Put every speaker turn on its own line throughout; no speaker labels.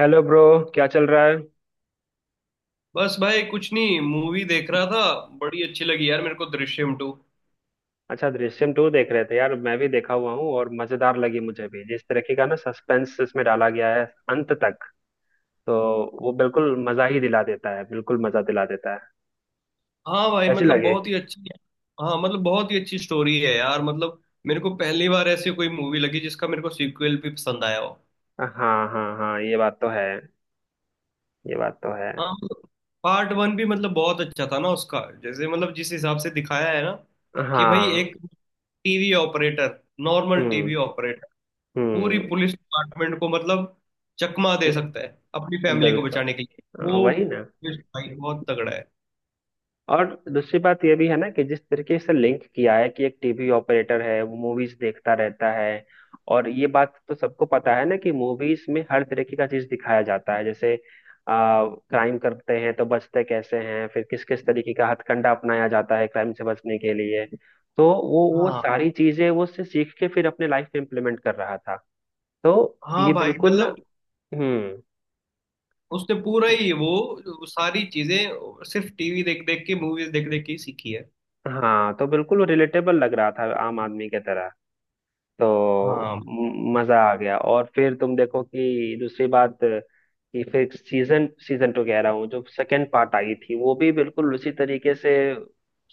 Hello bro. क्या चल रहा है?
बस भाई कुछ नहीं, मूवी देख रहा था। बड़ी अच्छी लगी यार मेरे को दृश्यम टू।
अच्छा, दृश्यम टू देख रहे थे यार। मैं भी देखा हुआ हूँ और मजेदार लगी मुझे भी। जिस तरीके का ना सस्पेंस इसमें डाला गया है अंत तक, तो वो बिल्कुल मजा ही दिला देता है, बिल्कुल मजा दिला देता है।
हाँ भाई
कैसी
मतलब
लगे?
बहुत ही अच्छी। हाँ मतलब बहुत ही अच्छी स्टोरी है यार मतलब। मेरे को पहली बार ऐसी कोई मूवी लगी जिसका मेरे को सीक्वल भी पसंद आया हो।
हाँ, हाँ, हाँ, ये बात तो है। ये बात तो है।
हाँ मतलब पार्ट वन भी मतलब बहुत अच्छा था ना उसका, जैसे मतलब जिस हिसाब से दिखाया है ना कि भाई एक
हाँ।
TV operator, normal TV
hmm.
Operator, पूरी
हम्म।
पुलिस डिपार्टमेंट को मतलब चकमा दे सकता है अपनी फैमिली को
बिल्कुल।
बचाने के लिए
हाँ,
वो
वही ना।
twist भाई बहुत तगड़ा है।
और दूसरी बात यह भी है ना कि जिस तरीके से लिंक किया है कि एक टीवी ऑपरेटर है, वो मूवीज देखता रहता है। और ये बात तो सबको पता है ना कि मूवीज में हर तरीके का चीज दिखाया जाता है। जैसे क्राइम करते हैं तो बचते कैसे हैं, फिर किस किस तरीके का हथकंडा अपनाया जाता है क्राइम से बचने के लिए। तो वो
हाँ
सारी चीजें वो उससे सीख के फिर अपने लाइफ में इम्प्लीमेंट कर रहा था। तो
हाँ
ये
भाई
बिल्कुल।
मतलब
हम्म
उसने पूरा ही वो सारी चीजें सिर्फ टीवी देख देख के मूवीज देख देख के ही सीखी है।
हाँ, तो बिल्कुल रिलेटेबल लग रहा था आम आदमी के तरह। तो
हाँ।
मजा आ गया। और फिर तुम देखो कि दूसरी बात कि फिर सीजन सीजन टू कह रहा हूँ, जो सेकंड पार्ट आई थी, वो भी बिल्कुल उसी तरीके से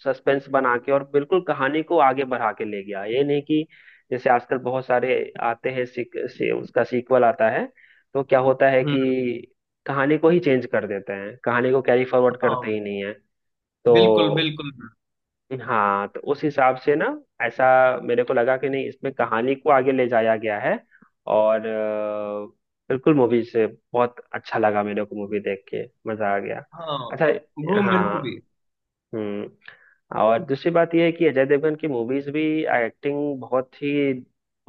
सस्पेंस बना के और बिल्कुल कहानी को आगे बढ़ा के ले गया। ये नहीं कि जैसे आजकल बहुत सारे आते हैं, उसका सीक्वल आता है तो क्या होता है
हम्म।
कि कहानी को ही चेंज कर देते हैं, कहानी को कैरी फॉरवर्ड
हाँ
करते ही नहीं है।
बिल्कुल
तो
बिल्कुल।
हाँ, तो उस हिसाब से ना, ऐसा मेरे को लगा कि नहीं, इसमें कहानी को आगे ले जाया गया है। और बिल्कुल, मूवी से बहुत अच्छा लगा मेरे को, मूवी देख के मजा आ गया।
हाँ
अच्छा।
ब्रो मेरे
हाँ।
को भी।
हम्म। और दूसरी बात यह है कि अजय देवगन की मूवीज भी एक्टिंग बहुत ही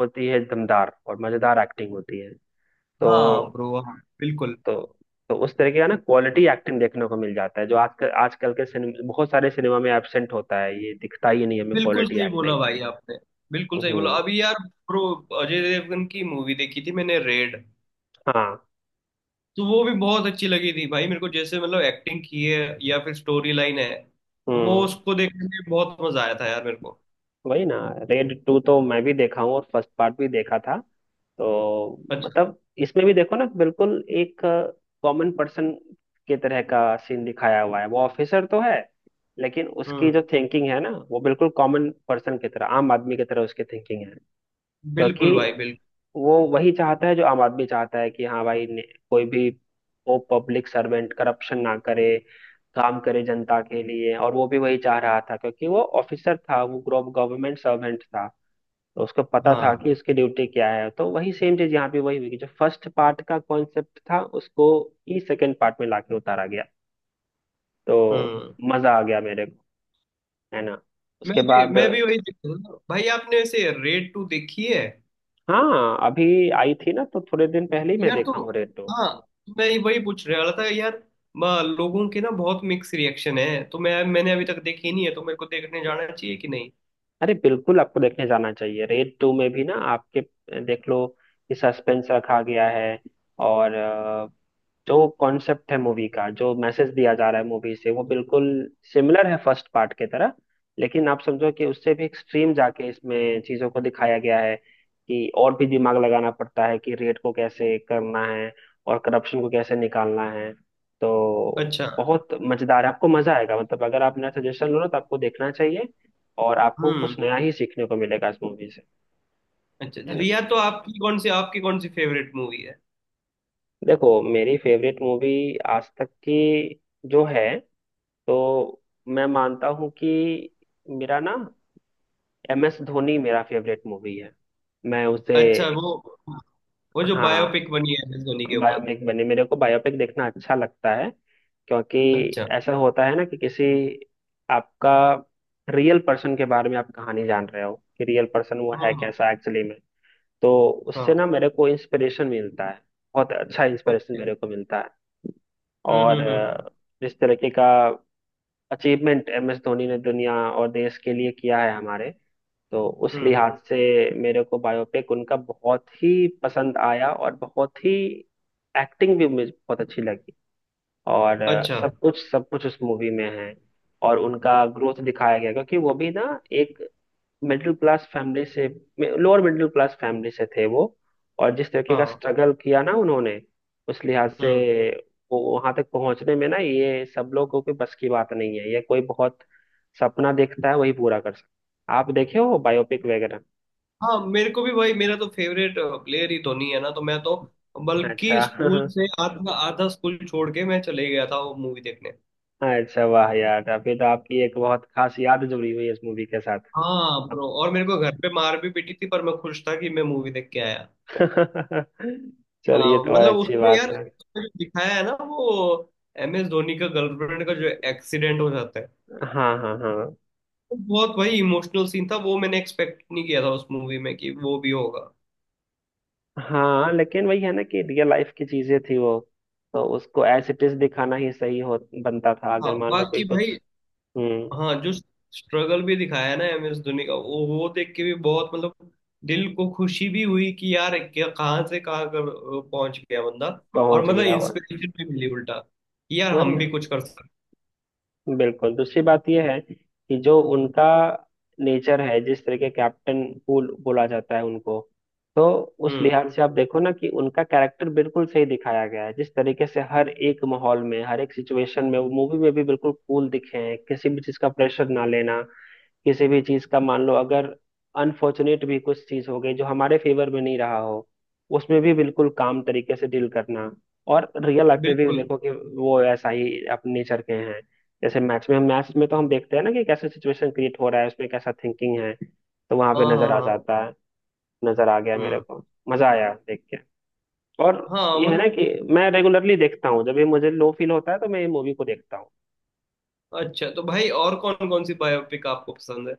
होती है, दमदार और मजेदार एक्टिंग होती है। तो
हाँ ब्रो हाँ बिल्कुल।
तो तो उस तरह का ना क्वालिटी एक्टिंग देखने को मिल जाता है, जो आजकल, आजकल के सिनेमा, बहुत सारे सिनेमा में एब्सेंट होता है। ये दिखता ही नहीं हमें
बिल्कुल
क्वालिटी
सही बोला
एक्टिंग।
भाई आपने। बिल्कुल सही बोला
हम्म।
अभी यार। ब्रो अजय देवगन की मूवी देखी थी मैंने रेड।
हाँ।
तो वो भी बहुत अच्छी लगी थी भाई मेरे को, जैसे मतलब एक्टिंग की है या फिर स्टोरी लाइन है। वो
हम्म।
उसको देखने में बहुत मजा आया था यार मेरे को।
वही ना। रेड टू तो मैं भी देखा हूँ और फर्स्ट पार्ट भी देखा था। तो
अच्छा।
मतलब, इसमें भी देखो ना, बिल्कुल एक कॉमन पर्सन के तरह का सीन दिखाया हुआ है। वो ऑफिसर तो है, लेकिन उसकी
हम्म।
जो थिंकिंग है ना, वो बिल्कुल कॉमन पर्सन की तरह, आम आदमी की तरह उसकी थिंकिंग है। क्योंकि
बिल्कुल भाई बिल्कुल।
वो वही चाहता है जो आम आदमी चाहता है कि हाँ भाई कोई भी वो पब्लिक सर्वेंट करप्शन ना करे, काम करे जनता के लिए। और वो भी वही चाह रहा था, क्योंकि वो ऑफिसर था, वो गवर्नमेंट सर्वेंट था। तो उसको पता था
हाँ।
कि उसकी ड्यूटी क्या है। तो वही सेम चीज यहाँ पे वही हुई कि जो फर्स्ट पार्ट का कॉन्सेप्ट था, उसको ही सेकेंड पार्ट में लाके उतारा गया। तो
हम्म।
मजा आ गया मेरे को, है ना?
मैं
उसके
भी
बाद,
मैं भी वही देख रहा था। भाई आपने ऐसे रेड टू देखी है?
हाँ, अभी आई थी ना, तो थोड़े दिन पहले ही मैं
यार तो
देखा हूँ रेड।
हाँ, तो मैं वही पूछ रहा था यार लोगों के ना बहुत मिक्स रिएक्शन है तो मैंने अभी तक देखी नहीं है तो मेरे को देखने जाना चाहिए कि नहीं।
अरे, बिल्कुल आपको देखने जाना चाहिए। रेड टू में भी ना आपके, देख लो कि सस्पेंस रखा गया है। और जो कॉन्सेप्ट है मूवी का, जो मैसेज दिया जा रहा है मूवी से, वो बिल्कुल सिमिलर है फर्स्ट पार्ट के तरह। लेकिन आप समझो कि उससे भी एक्सट्रीम जाके इसमें चीजों को दिखाया गया है कि और भी दिमाग लगाना पड़ता है कि रेड को कैसे करना है और करप्शन को कैसे निकालना है। तो
अच्छा।
बहुत मजेदार है, आपको मजा आएगा। मतलब अगर आप मेरा सजेशन लो ना, तो आपको देखना चाहिए, और आपको
हम्म।
कुछ नया ही सीखने को मिलेगा इस मूवी से।
अच्छा
है ना?
यार तो आपकी कौन सी फेवरेट मूवी है?
देखो, मेरी फेवरेट मूवी आज तक की जो है, तो मैं मानता हूँ कि मेरा ना, एम एस धोनी मेरा फेवरेट मूवी है। मैं उसे,
अच्छा वो जो
हाँ,
बायोपिक बनी है एम एस धोनी के ऊपर।
बायोपिक बने, मेरे को बायोपिक देखना अच्छा लगता है। क्योंकि
अच्छा।
ऐसा होता है ना कि किसी, आपका रियल पर्सन के बारे में आप कहानी जान रहे हो कि रियल पर्सन वो है
हम्म।
कैसा एक्चुअली में। तो उससे
हाँ
ना मेरे को इंस्पिरेशन मिलता है, बहुत अच्छा इंस्पिरेशन
ओके।
मेरे को मिलता है। और
हम्म।
जिस तरीके का अचीवमेंट एम एस धोनी ने दुनिया और देश के लिए किया है हमारे, तो उस
हम्म।
लिहाज से मेरे को बायोपिक उनका बहुत ही पसंद आया, और बहुत ही एक्टिंग भी मुझे बहुत अच्छी लगी। और
अच्छा।
सब कुछ, सब कुछ उस मूवी में है। और उनका ग्रोथ दिखाया गया, क्योंकि वो भी ना एक मिडिल क्लास फैमिली से, लोअर मिडिल क्लास फैमिली से थे वो। और जिस तरीके का
हाँ।
स्ट्रगल किया ना उन्होंने, उस लिहाज से
हम्म।
वो वहां तक पहुंचने में ना, ये सब लोगों के बस की बात नहीं है। ये कोई बहुत सपना देखता है वही पूरा कर सकता है। आप देखे हो बायोपिक वगैरह?
हाँ मेरे को भी भाई, मेरा तो फेवरेट प्लेयर ही धोनी है ना, तो मैं तो बल्कि
अच्छा।
स्कूल से आधा आधा स्कूल छोड़ के मैं चले गया था वो मूवी देखने।
अच्छा, वाह यार, अभी तो आपकी एक बहुत खास याद जुड़ी हुई है इस मूवी के साथ।
हाँ ब्रो, और मेरे को घर पे मार भी पीटी थी पर मैं खुश था कि मैं मूवी देख के आया।
चलिए,
हाँ
तो और
मतलब
अच्छी
उसमें यार,
बात है।
उसमें जो दिखाया है ना वो एम एस धोनी का गर्लफ्रेंड का जो एक्सीडेंट हो जाता है,
हाँ, हाँ, हाँ।
वो बहुत भाई इमोशनल सीन था, वो मैंने एक्सपेक्ट नहीं किया था उस मूवी में कि वो भी होगा।
हाँ, लेकिन वही है ना कि रियल लाइफ की चीजें थी वो, तो उसको एज इट इज दिखाना ही सही हो, बनता था।
हाँ
अगर मान लो कोई
बाकी भाई।
कुछ, हम्म,
हाँ जो स्ट्रगल भी दिखाया है ना एम एस धोनी का वो देख के भी बहुत मतलब दिल को खुशी भी हुई कि यार क्या कहाँ से कहाँ कर पहुंच गया बंदा। और
पहुंच
मतलब
गया हो।
इंस्पिरेशन भी मिली उल्टा कि यार
वही
हम भी
ना,
कुछ कर सकते
बिल्कुल। दूसरी बात यह है कि जो उनका नेचर है, जिस तरह के कैप्टन कूल बोला जाता है उनको, तो
हैं।
उस
हम्म।
लिहाज से आप देखो ना कि उनका कैरेक्टर बिल्कुल सही दिखाया गया है। जिस तरीके से हर एक माहौल में, हर एक सिचुएशन में वो मूवी में भी बिल्कुल कूल दिखे हैं, किसी भी चीज का प्रेशर ना लेना, किसी भी चीज का मान लो अगर अनफॉर्चुनेट भी कुछ चीज हो गई जो हमारे फेवर में नहीं रहा हो, उसमें भी बिल्कुल काम तरीके से डील करना। और रियल लाइफ में भी
बिल्कुल।
देखो कि वो ऐसा ही अपने नेचर के हैं। जैसे मैच में तो हम देखते हैं ना कि कैसे सिचुएशन क्रिएट हो रहा है, उसमें कैसा थिंकिंग है, तो वहां पे
हाँ हाँ
नजर आ
हाँ।
जाता है। नजर आ गया मेरे
हम्म।
को, मजा आया देख के। और
हाँ
ये है
मतलब।
ना कि मैं रेगुलरली देखता हूँ, जब भी मुझे लो फील होता है तो मैं ये मूवी को देखता हूँ।
अच्छा तो भाई और कौन कौन सी बायोपिक आपको पसंद है?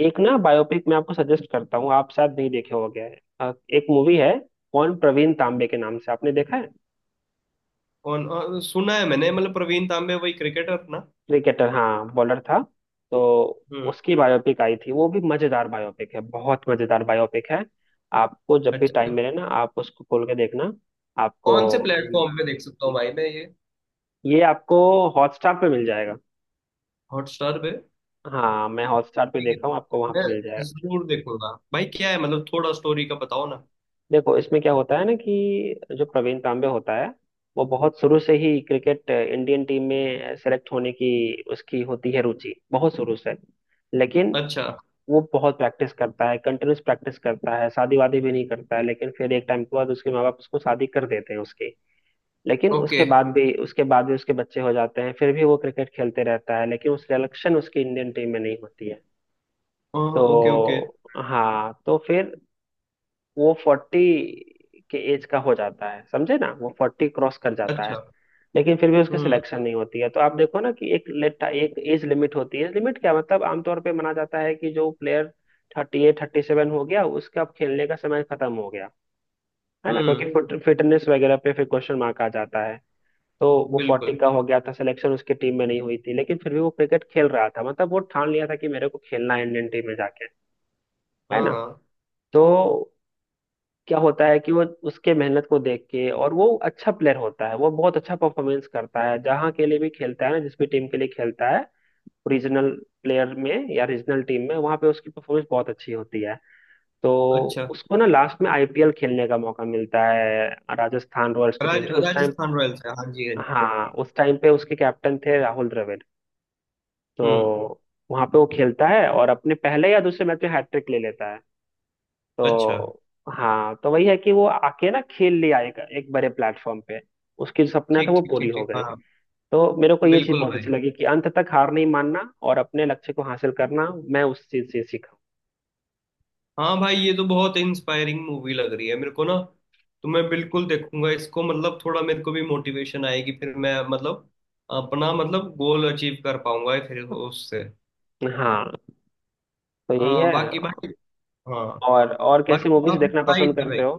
एक ना बायोपिक मैं आपको सजेस्ट करता हूँ, आप शायद नहीं देखे हो, गया है, एक मूवी है, कौन प्रवीण तांबे के नाम से। आपने देखा है?
कौन। सुना है मैंने मतलब प्रवीण तांबे वही क्रिकेटर ना।
क्रिकेटर, हाँ, बॉलर था। तो
हम्म।
उसकी बायोपिक आई थी, वो भी मजेदार बायोपिक है, बहुत मजेदार बायोपिक है। आपको जब भी टाइम
अच्छा।
मिले ना, आप उसको खोल के देखना। आपको,
कौन से प्लेटफॉर्म पे देख सकता हूँ भाई मैं ये?
ये आपको हॉटस्टार पे मिल जाएगा।
हॉटस्टार पे।
हाँ, मैं हॉटस्टार पे
ठीक।
देखा हूँ, आपको वहां
मैं
पे मिल जाएगा।
जरूर देखूंगा भाई, क्या है मतलब थोड़ा स्टोरी का बताओ ना।
देखो, इसमें क्या होता है ना कि जो प्रवीण तांबे होता है, वो बहुत शुरू से ही क्रिकेट इंडियन टीम में सेलेक्ट होने की, उसकी होती है रुचि बहुत शुरू से। लेकिन
अच्छा।
वो बहुत प्रैक्टिस करता है, कंटिन्यूस प्रैक्टिस करता है, शादी वादी भी नहीं करता है, लेकिन फिर एक टाइम के बाद उसके माँ बाप उसको शादी कर देते हैं उसकी। लेकिन
ओके।
उसके बाद भी, उसके बाद भी उसके बच्चे हो जाते हैं, फिर भी वो क्रिकेट खेलते रहता है, लेकिन उस सिलेक्शन उसकी इंडियन टीम में नहीं होती है।
हाँ ओके ओके।
तो हाँ, तो फिर वो फोर्टी के एज का हो जाता है, समझे ना, वो फोर्टी क्रॉस कर जाता है।
अच्छा।
लेकिन फिर भी उसकी
हम्म
सिलेक्शन नहीं होती है। तो आप देखो ना कि एक लेट, एक एज लिमिट होती है। एज लिमिट क्या, मतलब आमतौर पे माना जाता है कि जो player thirty eight, thirty seven हो गया, उसका अब खेलने का समय खत्म हो गया, है ना,
हम्म।
क्योंकि फिटनेस वगैरह पे फिर क्वेश्चन मार्क आ जाता है। तो वो फोर्टी
बिल्कुल।
का हो गया था, सिलेक्शन उसकी टीम में नहीं हुई थी, लेकिन फिर भी वो क्रिकेट खेल रहा था। मतलब वो ठान लिया था कि मेरे को खेलना है इंडियन टीम में जाके, है
हाँ
ना।
हाँ।
तो क्या होता है कि वो, उसके मेहनत को देख के, और वो अच्छा प्लेयर होता है, वो बहुत अच्छा परफॉर्मेंस करता है जहाँ के लिए भी खेलता है ना, जिस भी टीम के लिए खेलता है, रीजनल प्लेयर में या रीजनल टीम में, वहाँ पे उसकी परफॉर्मेंस बहुत अच्छी होती है। तो
अच्छा
उसको ना लास्ट में आईपीएल खेलने का मौका मिलता है, राजस्थान रॉयल्स की टीम से उस टाइम।
राजस्थान रॉयल्स है, हाँ जी हाँ
हाँ,
जी।
उस टाइम पे उसके कैप्टन थे राहुल द्रविड़।
हम्म।
तो वहाँ पे वो खेलता है और अपने पहले या दूसरे मैच में हैट्रिक ले लेता है।
अच्छा।
तो हाँ, तो वही है कि वो आके ना खेल ले आएगा एक बड़े प्लेटफॉर्म पे, उसकी जो सपना था
ठीक
वो
ठीक
पूरी
ठीक
हो
ठीक
गई।
हाँ।
तो मेरे को ये चीज
बिल्कुल
बहुत अच्छी
भाई।
लगी कि अंत तक हार नहीं मानना और अपने लक्ष्य को हासिल करना, मैं उस चीज से सीखा।
हाँ भाई ये तो बहुत इंस्पायरिंग मूवी लग रही है मेरे को ना, तो मैं बिल्कुल देखूंगा इसको, मतलब थोड़ा मेरे को भी मोटिवेशन आएगी फिर मैं मतलब अपना मतलब गोल अचीव कर पाऊंगा फिर उससे।
हाँ, तो यही
हाँ
है।
बाकी भाई। हाँ
और कैसी
बाकी तो
मूवीज
आपने
देखना
बताई
पसंद
नहीं भाई।
करते हो?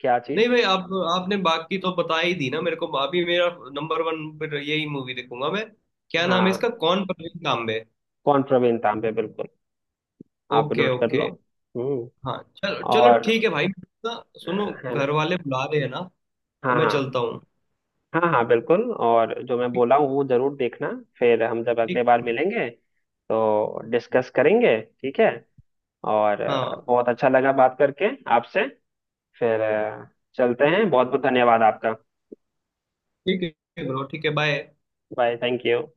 क्या
नहीं
चीज?
भाई, आप आपने बाकी तो बता ही दी ना मेरे को अभी। मेरा नंबर वन पर यही मूवी देखूंगा मैं। क्या नाम है इसका,
हाँ,
कौन परवीन तांबे।
कौन प्रवीण तांबे, बिल्कुल। आप
ओके
नोट कर लो।
ओके।
हम्म।
हाँ चलो चलो
और
ठीक है भाई। ना
अ,
सुनो
है ना?
घर वाले बुला रहे हैं ना, तो
हाँ,
मैं
हाँ,
चलता हूँ।
हाँ। हाँ, बिल्कुल, और जो मैं
ठीक।
बोला हूँ वो जरूर देखना। फिर हम जब
ठीक
अगले बार मिलेंगे तो डिस्कस करेंगे, ठीक है? और
हाँ
बहुत अच्छा लगा बात करके आपसे। फिर चलते हैं, बहुत बहुत धन्यवाद आपका।
ठीक है ब्रो ठीक है बाय।
Bye, thank you.